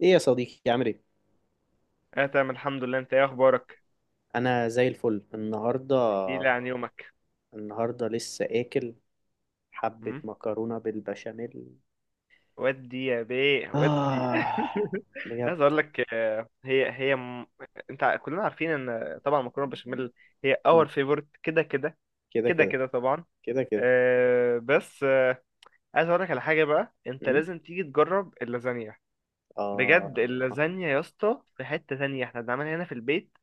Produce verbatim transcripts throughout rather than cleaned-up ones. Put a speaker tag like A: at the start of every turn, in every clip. A: ايه يا صديقي، عامل ايه?
B: اه تمام الحمد لله، انت ايه اخبارك؟
A: انا زي الفل النهارده
B: احكي لي عن يومك.
A: النهارده لسه اكل. حبه
B: مم؟
A: مكرونه بالبشاميل.
B: ودي يا بيه ودي.
A: اه، بجد.
B: عايز اقول لك آه، هي هي م... انت ع- كلنا عارفين ان طبعا مكرونه بشاميل هي
A: م.
B: اور فيفورت كده كده.
A: كده
B: كده
A: كده.
B: كده طبعا.
A: كده كده.
B: آه، بس آه، عايز اقول لك على حاجه بقى، انت
A: م.
B: لازم تيجي تجرب اللازانيا.
A: اه،
B: بجد اللازانيا يا اسطى في حته تانية، احنا بنعملها هنا في البيت.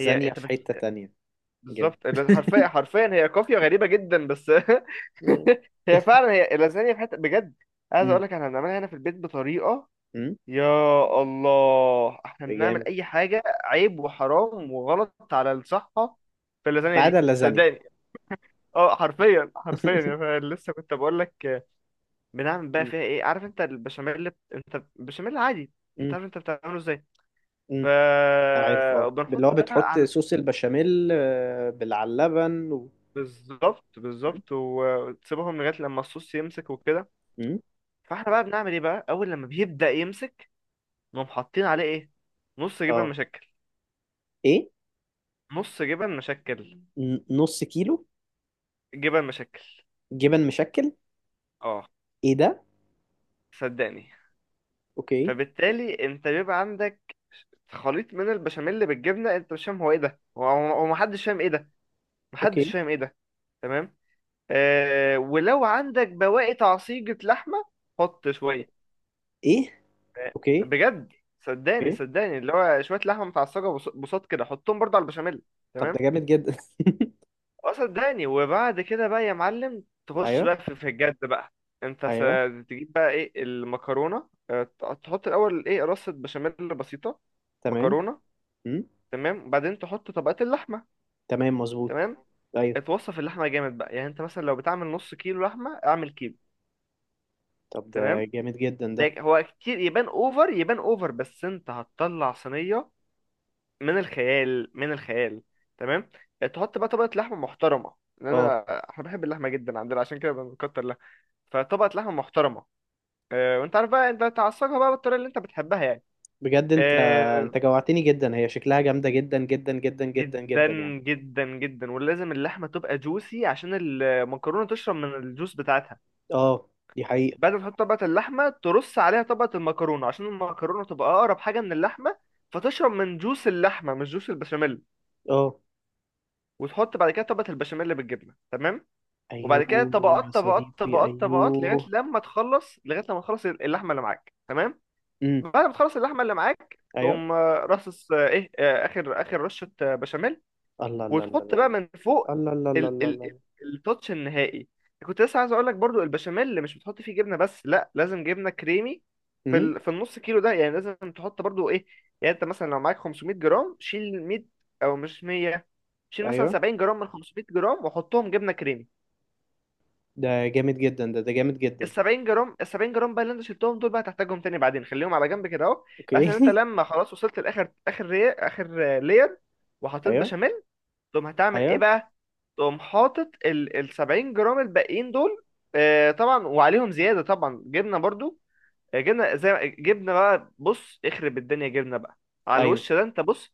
B: هي انت
A: في حته تانية. جامد.
B: بالظبط. ال- حرفيا حرفيا هي قافية غريبة جدا بس.
A: م.
B: هي فعلا هي اللازانيا في حتة بجد. عايز
A: م.
B: اقول لك احنا بنعملها هنا في البيت بطريقة،
A: م.
B: يا الله. احنا بنعمل
A: جامد،
B: اي حاجة عيب وحرام وغلط على الصحة في اللازانيا
A: ما عدا
B: دي،
A: اللازانيا.
B: صدقني. اه حرفيا حرفيا يا فعلا. لسه كنت بقول لك. بنعمل بقى
A: م.
B: فيها ايه؟ عارف انت البشاميل، انت البشاميل عادي، انت
A: م.
B: عارف انت بتعمله ازاي. ف
A: م. عارف، اه
B: وبنحط
A: اللي هو
B: بقى
A: بتحط
B: على،
A: صوص البشاميل، آه، بال- على اللبن و...
B: بالظبط
A: م.
B: بالظبط، وتسيبهم لغايه لما الصوص يمسك وكده.
A: م.
B: فاحنا بقى بنعمل ايه بقى اول لما بيبدا يمسك؟ نقوم حاطين عليه ايه؟ نص جبن
A: اه،
B: مشكل.
A: ايه؟
B: نص جبن مشكل.
A: ن- نص كيلو.
B: جبن مشكل.
A: جبن مشكل.
B: اه،
A: ايه ده?
B: صدقني.
A: اوكي.
B: فبالتالي انت بيبقى عندك خليط من البشاميل بالجبنه، انت مش فاهم هو ايه ده. هو هو محدش فاهم ايه ده. محدش
A: اوكي،
B: فاهم ايه ده. تمام. آه، ولو عندك بواقي تعصيجة لحمه، حط شويه.
A: ايه؟ اوكي.
B: بجد صدقني
A: اوكي،
B: صدقني، اللي هو شويه لحمه متعصجه، بص- بساط كده حطهم برضه على البشاميل.
A: طب ده
B: تمام.
A: جامد جدا.
B: اه صدقني. وبعد كده بقى يا معلم، تخش
A: ايوه.
B: بقى في في الجد بقى. انت س-
A: ايوه،
B: تجيب بقى ايه المكرونه، اه، ت- تحط الاول ايه، رصه بشاميل بسيطه،
A: تمام.
B: مكرونه.
A: امم.
B: تمام، وبعدين تحط طبقات اللحمه.
A: تمام، مظبوط.
B: تمام.
A: ايوه.
B: اتوصف اللحمه جامد بقى، يعني انت مثلا لو بتعمل نص كيلو لحمه اعمل كيلو.
A: طب ده
B: تمام.
A: جامد جدا ده.
B: ده هو كتير، يبان اوفر يبان اوفر، بس انت هتطلع صينيه من الخيال، من الخيال. تمام. آه، تحط بقى طبقة لحمة محترمة، لأن
A: اه،
B: أنا، احنا بنحب اللحمة جدا عندنا عشان كده بنكتر لها. فطبقة لحمة محترمة. آه، وانت عارف بقى انت تعصجها بقى بالطريقة اللي انت بتحبها يعني.
A: بجد. انت
B: آه،
A: انت جوعتني جدا. هي شكلها جامده جدا جدا جدا جدا
B: جدا
A: جدا يعني.
B: جدا جدا، ولازم اللحمة تبقى جوسي عشان المكرونة تشرب من الجوس بتاعتها.
A: اه، دي حقيقه.
B: بعد ما تحط طبقة اللحمة، ترص عليها طبقة المكرونة، عشان المكرونة تبقى أقرب حاجة من اللحمة فتشرب من جوس اللحمة مش جوس البشاميل.
A: اه.
B: وتحط بعد كده طبقة البشاميل بالجبنة. تمام. وبعد كده
A: ايوه يا
B: طبقات طبقات
A: صديقي.
B: طبقات طبقات لغايه
A: ايوه.
B: لما تخلص، لغايه لما تخلص اللحمه اللي معاك. تمام.
A: امم.
B: بعد ما تخلص اللحمه اللي معاك،
A: ايوه.
B: تقوم آه، رصص آه، ايه آه، اخر اخر رشه آه، بشاميل.
A: الله الله الله
B: وتحط بقى من فوق،
A: الله. الله الله
B: ال
A: الله الله
B: ال
A: الله.
B: ال- التوتش النهائي. كنت لسه عايز اقول لك، برضو البشاميل اللي مش بتحط فيه جبنه، بس لا، لازم جبنه كريمي. في
A: امم.
B: ال في النص كيلو ده يعني، لازم تحط برضو ايه؟ يعني انت مثلا لو معاك خمسمائة جرام، شيل مية، او مش مية، شيل مثلا
A: ايوه.
B: سبعين جرام من خمسمية جرام وحطهم جبنه كريمي.
A: ده جامد جدا. ده ده جامد
B: ال
A: جدا.
B: سبعين جرام، ال سبعين جرام بقى اللي انت شلتهم دول بقى، هتحتاجهم تاني بعدين، خليهم على جنب كده اهو. بحيث
A: اوكي.
B: ان انت لما خلاص وصلت لاخر اخر ري... اخر لير وحطيت
A: ايوه.
B: بشاميل، تقوم هتعمل ايه
A: ايوه.
B: بقى؟ تقوم حاطط ال ال سبعين جرام الباقيين دول. آه طبعا، وعليهم زياده طبعا جبنه برضو. آه، جبنه زي جبنه بقى، بص اخرب الدنيا جبنه بقى على
A: ايوه.
B: الوش ده، انت بص.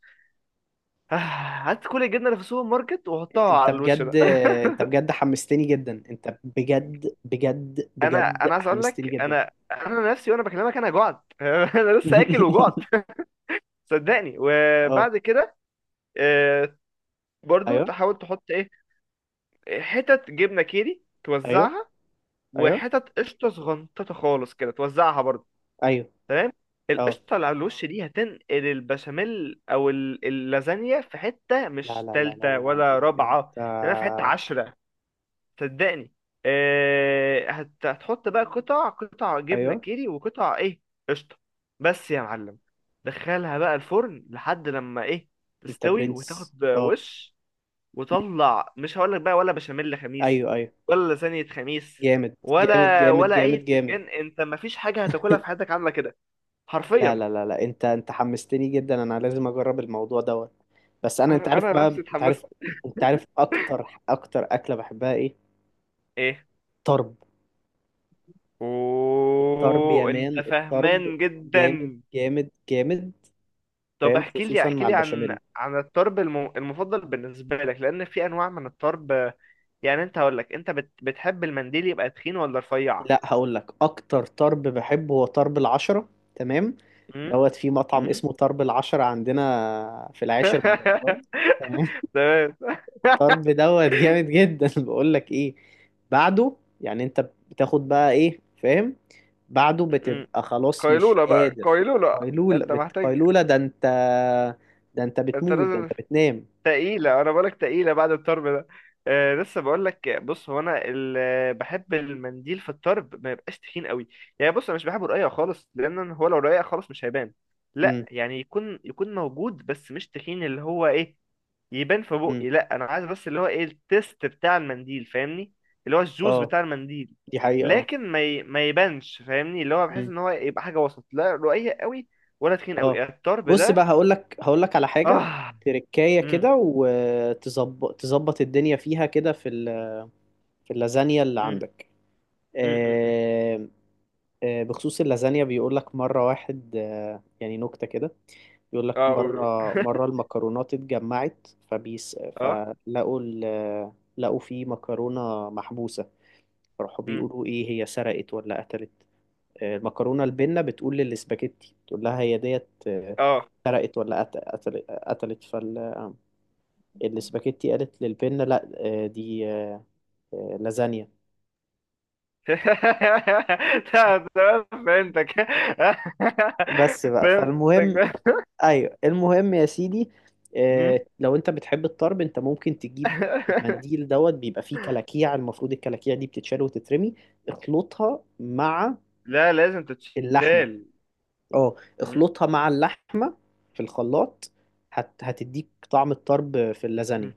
B: هات كل الجبنه اللي في السوبر ماركت وحطها
A: انت
B: على الوش ده.
A: بجد. انت بجد حمستني جدا. انت بجد بجد
B: انا
A: بجد
B: انا عايز اقول
A: حمستني
B: لك،
A: جدا.
B: انا انا نفسي وانا بكلمك انا جعت. انا لسه اكل وجعت. صدقني.
A: اه.
B: وبعد كده آه، برضو
A: ايوه.
B: تحاول تحط ايه، حتت جبنه كيري
A: ايوه.
B: توزعها،
A: ايوه.
B: وحتت قشطه صغنططه خالص كده توزعها برضو.
A: ايوه.
B: تمام.
A: اه.
B: القشطه اللي على الوش دي هتنقل البشاميل او ال- اللازانيا في حته
A: لا
B: مش
A: لا لا لا
B: تالته
A: لا
B: ولا
A: لا،
B: رابعه.
A: انت.
B: تمام، في حته عشرة، صدقني. آه، هت- هتحط بقى قطع قطع جبنة
A: ايوه.
B: كيري، وقطع ايه، قشطة. بس يا معلم، دخلها بقى الفرن لحد لما ايه،
A: انت
B: تستوي
A: برنس.
B: وتاخد
A: اه.
B: وش، وطلع. مش هقولك بقى ولا بشاميل خميس
A: ايوه. ايوه.
B: ولا لازانية خميس،
A: جامد جامد
B: ولا
A: جامد
B: ولا اي
A: جامد جامد.
B: بتنجان. انت مفيش حاجة هتاكلها في حياتك عاملة كده،
A: لا
B: حرفيا.
A: لا لا لا، انت انت حمستني جدا. انا لازم اجرب الموضوع دوت. بس انا، انت
B: انا
A: عارف
B: انا
A: بقى،
B: نفسي
A: انت
B: اتحمست.
A: عارف. انت عارف اكتر اكتر اكله بحبها ايه?
B: ايه؟
A: طرب. طرب يا
B: اوه، انت
A: مان، الطرب.
B: فاهمان
A: جامد
B: جدا.
A: جامد جامد.
B: طب
A: فاهم،
B: احكي لي
A: خصوصا
B: احكي
A: مع
B: لي عن
A: البشاميل.
B: عن الطرب الم- المفضل بالنسبة لك، لأن في أنواع من الطرب. يعني أنت، هقول لك أنت بت... بتحب المنديل يبقى تخين ولا رفيع؟
A: لا، هقول لك اكتر طرب بحبه هو طرب العشرة. تمام.
B: أمم؟
A: دوت في مطعم
B: أمم؟
A: اسمه طرب العشرة عندنا في العاشر من رمضان. تمام.
B: تمام.
A: الطرب دوت جامد جدا. بقول لك ايه؟ بعده، يعني انت بتاخد بقى ايه، فاهم? بعده
B: أمم.
A: بتبقى خلاص مش
B: قيلولة بقى،
A: قادر.
B: قيلولة.
A: قيلولة،
B: أنت
A: بت...
B: محتاج.
A: قيلولة، ده انت. ده انت
B: أنت
A: بتموت. ده انت
B: لازم.
A: بتنام.
B: تقيلة، أنا بقولك تقيلة بعد الطرب ده. آه، لسه بقولك، بص، هو أنا ال- بحب المنديل في الطرب ما يبقاش تخين قوي. يعني بص، أنا مش بحبه رقيق خالص، لأن أنا- هو لو رقيق خالص مش هيبان. لا
A: امم.
B: يعني، يكون يكون موجود بس مش تخين، اللي هو إيه، يبان في
A: امم.
B: بقي. لا، أنا عايز بس اللي هو إيه، التيست بتاع المنديل، فاهمني، اللي هو الجوز
A: اه،
B: بتاع المنديل.
A: دي حقيقة. اه.
B: لكن ما ي... ما يبانش، فاهمني، اللي هو بحس
A: مم.
B: إن هو يبقى حاجة وسط، لا رقيق قوي ولا تخين
A: اه،
B: قوي الطرب
A: بص بقى،
B: ده.
A: هقول لك هقول لك على حاجة.
B: آه.
A: تركاية
B: مم.
A: كده، وتظبط تظبط الدنيا فيها كده في ال... في اللازانيا اللي عندك.
B: مم.
A: آه... آه... بخصوص اللازانيا، بيقول لك مرة واحد، آه... يعني نكتة كده. بيقول لك
B: اه قول.
A: مرة، مرة المكرونات اتجمعت فبيس.
B: اه.
A: فلقوا ال... لقوا في مكرونة محبوسة. فراحوا
B: مم.
A: بيقولوا، ايه هي، سرقت ولا قتلت? آه، المكرونه البنه بتقول للاسباجيتي، تقول لها هي ديت، آه،
B: اه.
A: سرقت ولا قت- قتل- قتلت? فالاسباجيتي قالت للبنه، لا، آه، دي آه، آه، لازانيا.
B: تمام تمام، فهمتك.
A: بس بقى،
B: فهمتك.
A: فالمهم. ايوه، المهم يا سيدي،
B: مم.
A: آه، لو انت بتحب الطرب، انت ممكن تجيب المنديل. دوت بيبقى فيه كلاكيع. المفروض الكلاكيع دي بتتشال وتترمي. اخلطها مع
B: لا لازم
A: اللحمه.
B: تتشال.
A: اه،
B: مم.
A: اخلطها مع اللحمه في الخلاط. هت... هتديك طعم الطرب في
B: مم.
A: اللازانيا.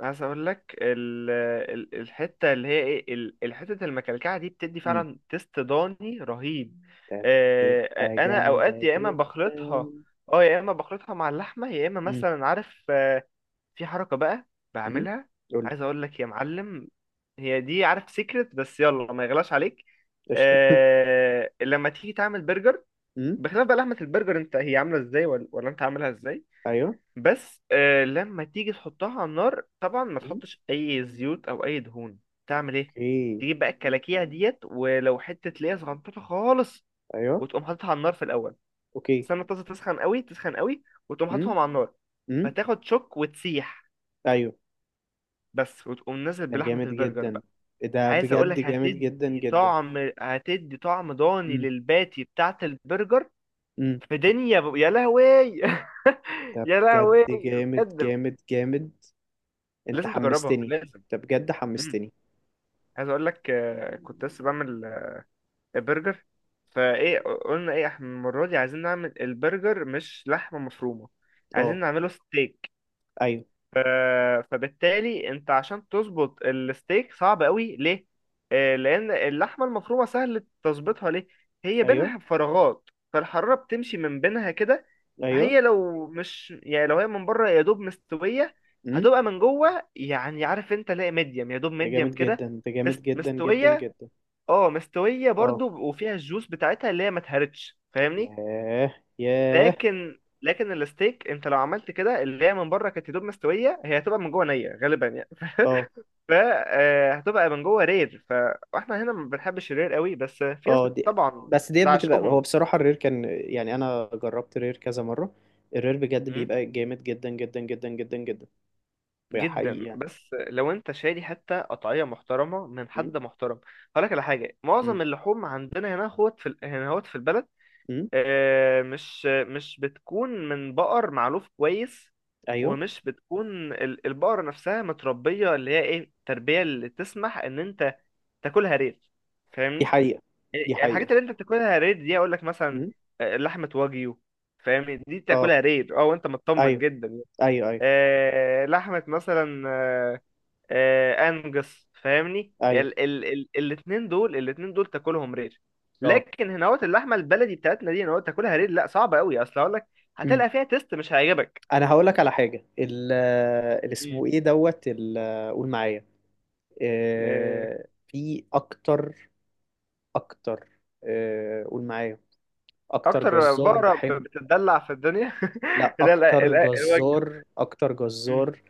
B: عايز اقول لك ال... ال- الحته اللي هي ايه، ال- الحته المكلكعه دي بتدي فعلا تيست ضاني رهيب.
A: كانت
B: آه،
A: تبقى
B: آه، انا اوقات
A: جامدة
B: يا اما
A: جدا.
B: بخلطها،
A: امم.
B: اه يا اما بخلطها مع اللحمه، يا اما مثلا عارف آه، في حركة بقى
A: امم.
B: بعملها.
A: قول لي.
B: عايز اقول لك يا معلم، هي دي عارف سيكرت، بس يلا ما يغلاش عليك.
A: قشطة.
B: آه، لما تيجي تعمل برجر،
A: امم.
B: بخلاف بقى لحمة البرجر انت هي عاملة ازاي ولا, ولا انت عاملها ازاي،
A: ايوه.
B: بس آه لما تيجي تحطها على النار، طبعا ما
A: امم.
B: تحطش اي زيوت او اي دهون. تعمل ايه؟
A: اوكي.
B: تجيب بقى الكلاكيع ديت، ولو حتة ليا صغنطوطة خالص،
A: ايوه.
B: وتقوم حاططها على النار في الاول.
A: اوكي.
B: تستنى الطاسة تسخن قوي تسخن قوي، وتقوم حاططهم
A: امم.
B: على النار.
A: امم.
B: فتاخد شوك وتسيح
A: ايوه.
B: بس، وتقوم نازل
A: ده
B: بلحمة
A: جامد
B: البرجر
A: جدا.
B: بقى.
A: إيه ده
B: عايز
A: بجد
B: اقولك
A: جامد جدا
B: هتدي
A: جدا.
B: طعم، هتدي طعم ضاني
A: امم.
B: للباتي بتاعة البرجر.
A: امم.
B: في دنيا ب... يا لهوي.
A: ده
B: يا
A: بجد
B: لهوي.
A: جامد
B: بجد
A: جامد جامد. انت
B: لازم تجربها،
A: حمستني.
B: لازم.
A: ده بجد
B: مم.
A: حمستني.
B: عايز اقولك آه، كنت لسه بعمل آه، برجر. فايه، قلنا ايه، احنا المرة دي عايزين نعمل البرجر مش لحمة مفرومة، عايزين
A: اه.
B: نعمله ستيك.
A: ايوه.
B: ف- فبالتالي انت، عشان تظبط الستيك صعب قوي ليه؟ آه، لان اللحمه المفرومه سهل تظبطها ليه؟ هي
A: ايوه.
B: بينها فراغات، فالحراره بتمشي من بينها كده.
A: ايوه.
B: هي لو مش، يعني لو هي من بره يا دوب مستويه،
A: امم.
B: هتبقى من جوه يعني عارف انت، لا ميديم يا دوب
A: ده
B: ميديم
A: جامد جدا.
B: كده.
A: ده جامد
B: مست...
A: جدا جدا
B: مستويه.
A: جدا.
B: اه مستويه
A: اه.
B: برضو، وفيها الجوس بتاعتها اللي هي ما اتهرتش، فاهمني.
A: ياه ياه.
B: لكن لكن الستيك انت لو عملت كده اللي هي من بره كانت يا دوب مستويه، هي هتبقى من جوه نيه غالبا يعني.
A: اه.
B: فهتبقى من جوه رير، فاحنا هنا ما بنحبش الرير قوي، بس في ناس
A: اه،
B: بت-
A: دي
B: طبعا
A: بس ديت
B: ده
A: بتبقى، هو
B: عشقهم.
A: بصراحة الرير كان يعني، أنا جربت الرير كذا مرة. الرير بجد
B: م؟
A: بيبقى جامد جدا جدا جدا جدا جدا. بقى حقيقي
B: جدا.
A: يعني.
B: بس لو انت شاري حتى قطعيه محترمه من
A: م?
B: حد محترم، هقول لك على حاجه،
A: م?
B: معظم اللحوم عندنا هنا هوت، في ال- هنا هوت في البلد،
A: م?
B: آه، مش مش بتكون من بقر معلوف كويس،
A: أيوه.
B: ومش بتكون ال- البقرة نفسها متربية، اللي هي ايه، التربية اللي تسمح ان انت تاكلها ريد،
A: دي
B: فاهمني.
A: حقيقة. دي
B: إيه،
A: حقيقة.
B: الحاجات اللي انت بتاكلها ريد دي، اقول لك مثلا
A: م?
B: آه، لحمة واجيو، فاهمني، دي
A: اه.
B: تاكلها ريد اه وانت مطمن
A: أيوه.
B: جدا.
A: أيوه. أيوه.
B: آه، لحمة مثلا آه، آه، انجس، فاهمني،
A: أيوه.
B: ال ال ال الاتنين دول، الاتنين دول تاكلهم رير.
A: اه.
B: لكن هنا اللحمه البلدي بتاعتنا دي هنا تاكلها رير، لا صعبه قوي، اصل هقول لك،
A: م.
B: هتلقى فيها تيست مش هيعجبك.
A: أنا هقول لك على حاجة، ال اللي اسمه
B: مم.
A: إيه، دوت ال- قول معايا.
B: آه،
A: آه، في أكتر. أكتر. آه، قول معايا. أكتر
B: اكتر
A: جزار
B: بقره ب-
A: بحبه.
B: بتتدلع في الدنيا.
A: لا،
B: لا لا
A: اكتر
B: لا، الوجبه.
A: جزار، اكتر
B: مم،
A: جزار.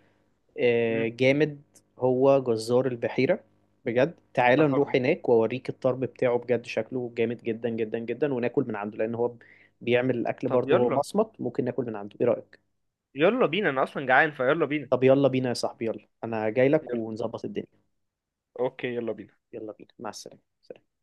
A: آه،
B: مم.
A: جامد. هو جزار البحيرة. بجد، تعال
B: اه
A: نروح هناك واوريك الطرب بتاعه بجد. شكله جامد جدا جدا جدا. وناكل من عنده، لان هو بيعمل الاكل
B: طب
A: برضه. هو
B: يلا،
A: مصمت، ممكن ناكل من عنده. ايه رأيك?
B: يلا بينا انا اصلا جعان، فيلا بينا.
A: طب يلا بينا يا صاحبي. يلا، انا جاي لك
B: يلا،
A: ونظبط الدنيا.
B: اوكي يلا بينا.
A: يلا بينا. مع السلامة. سلام.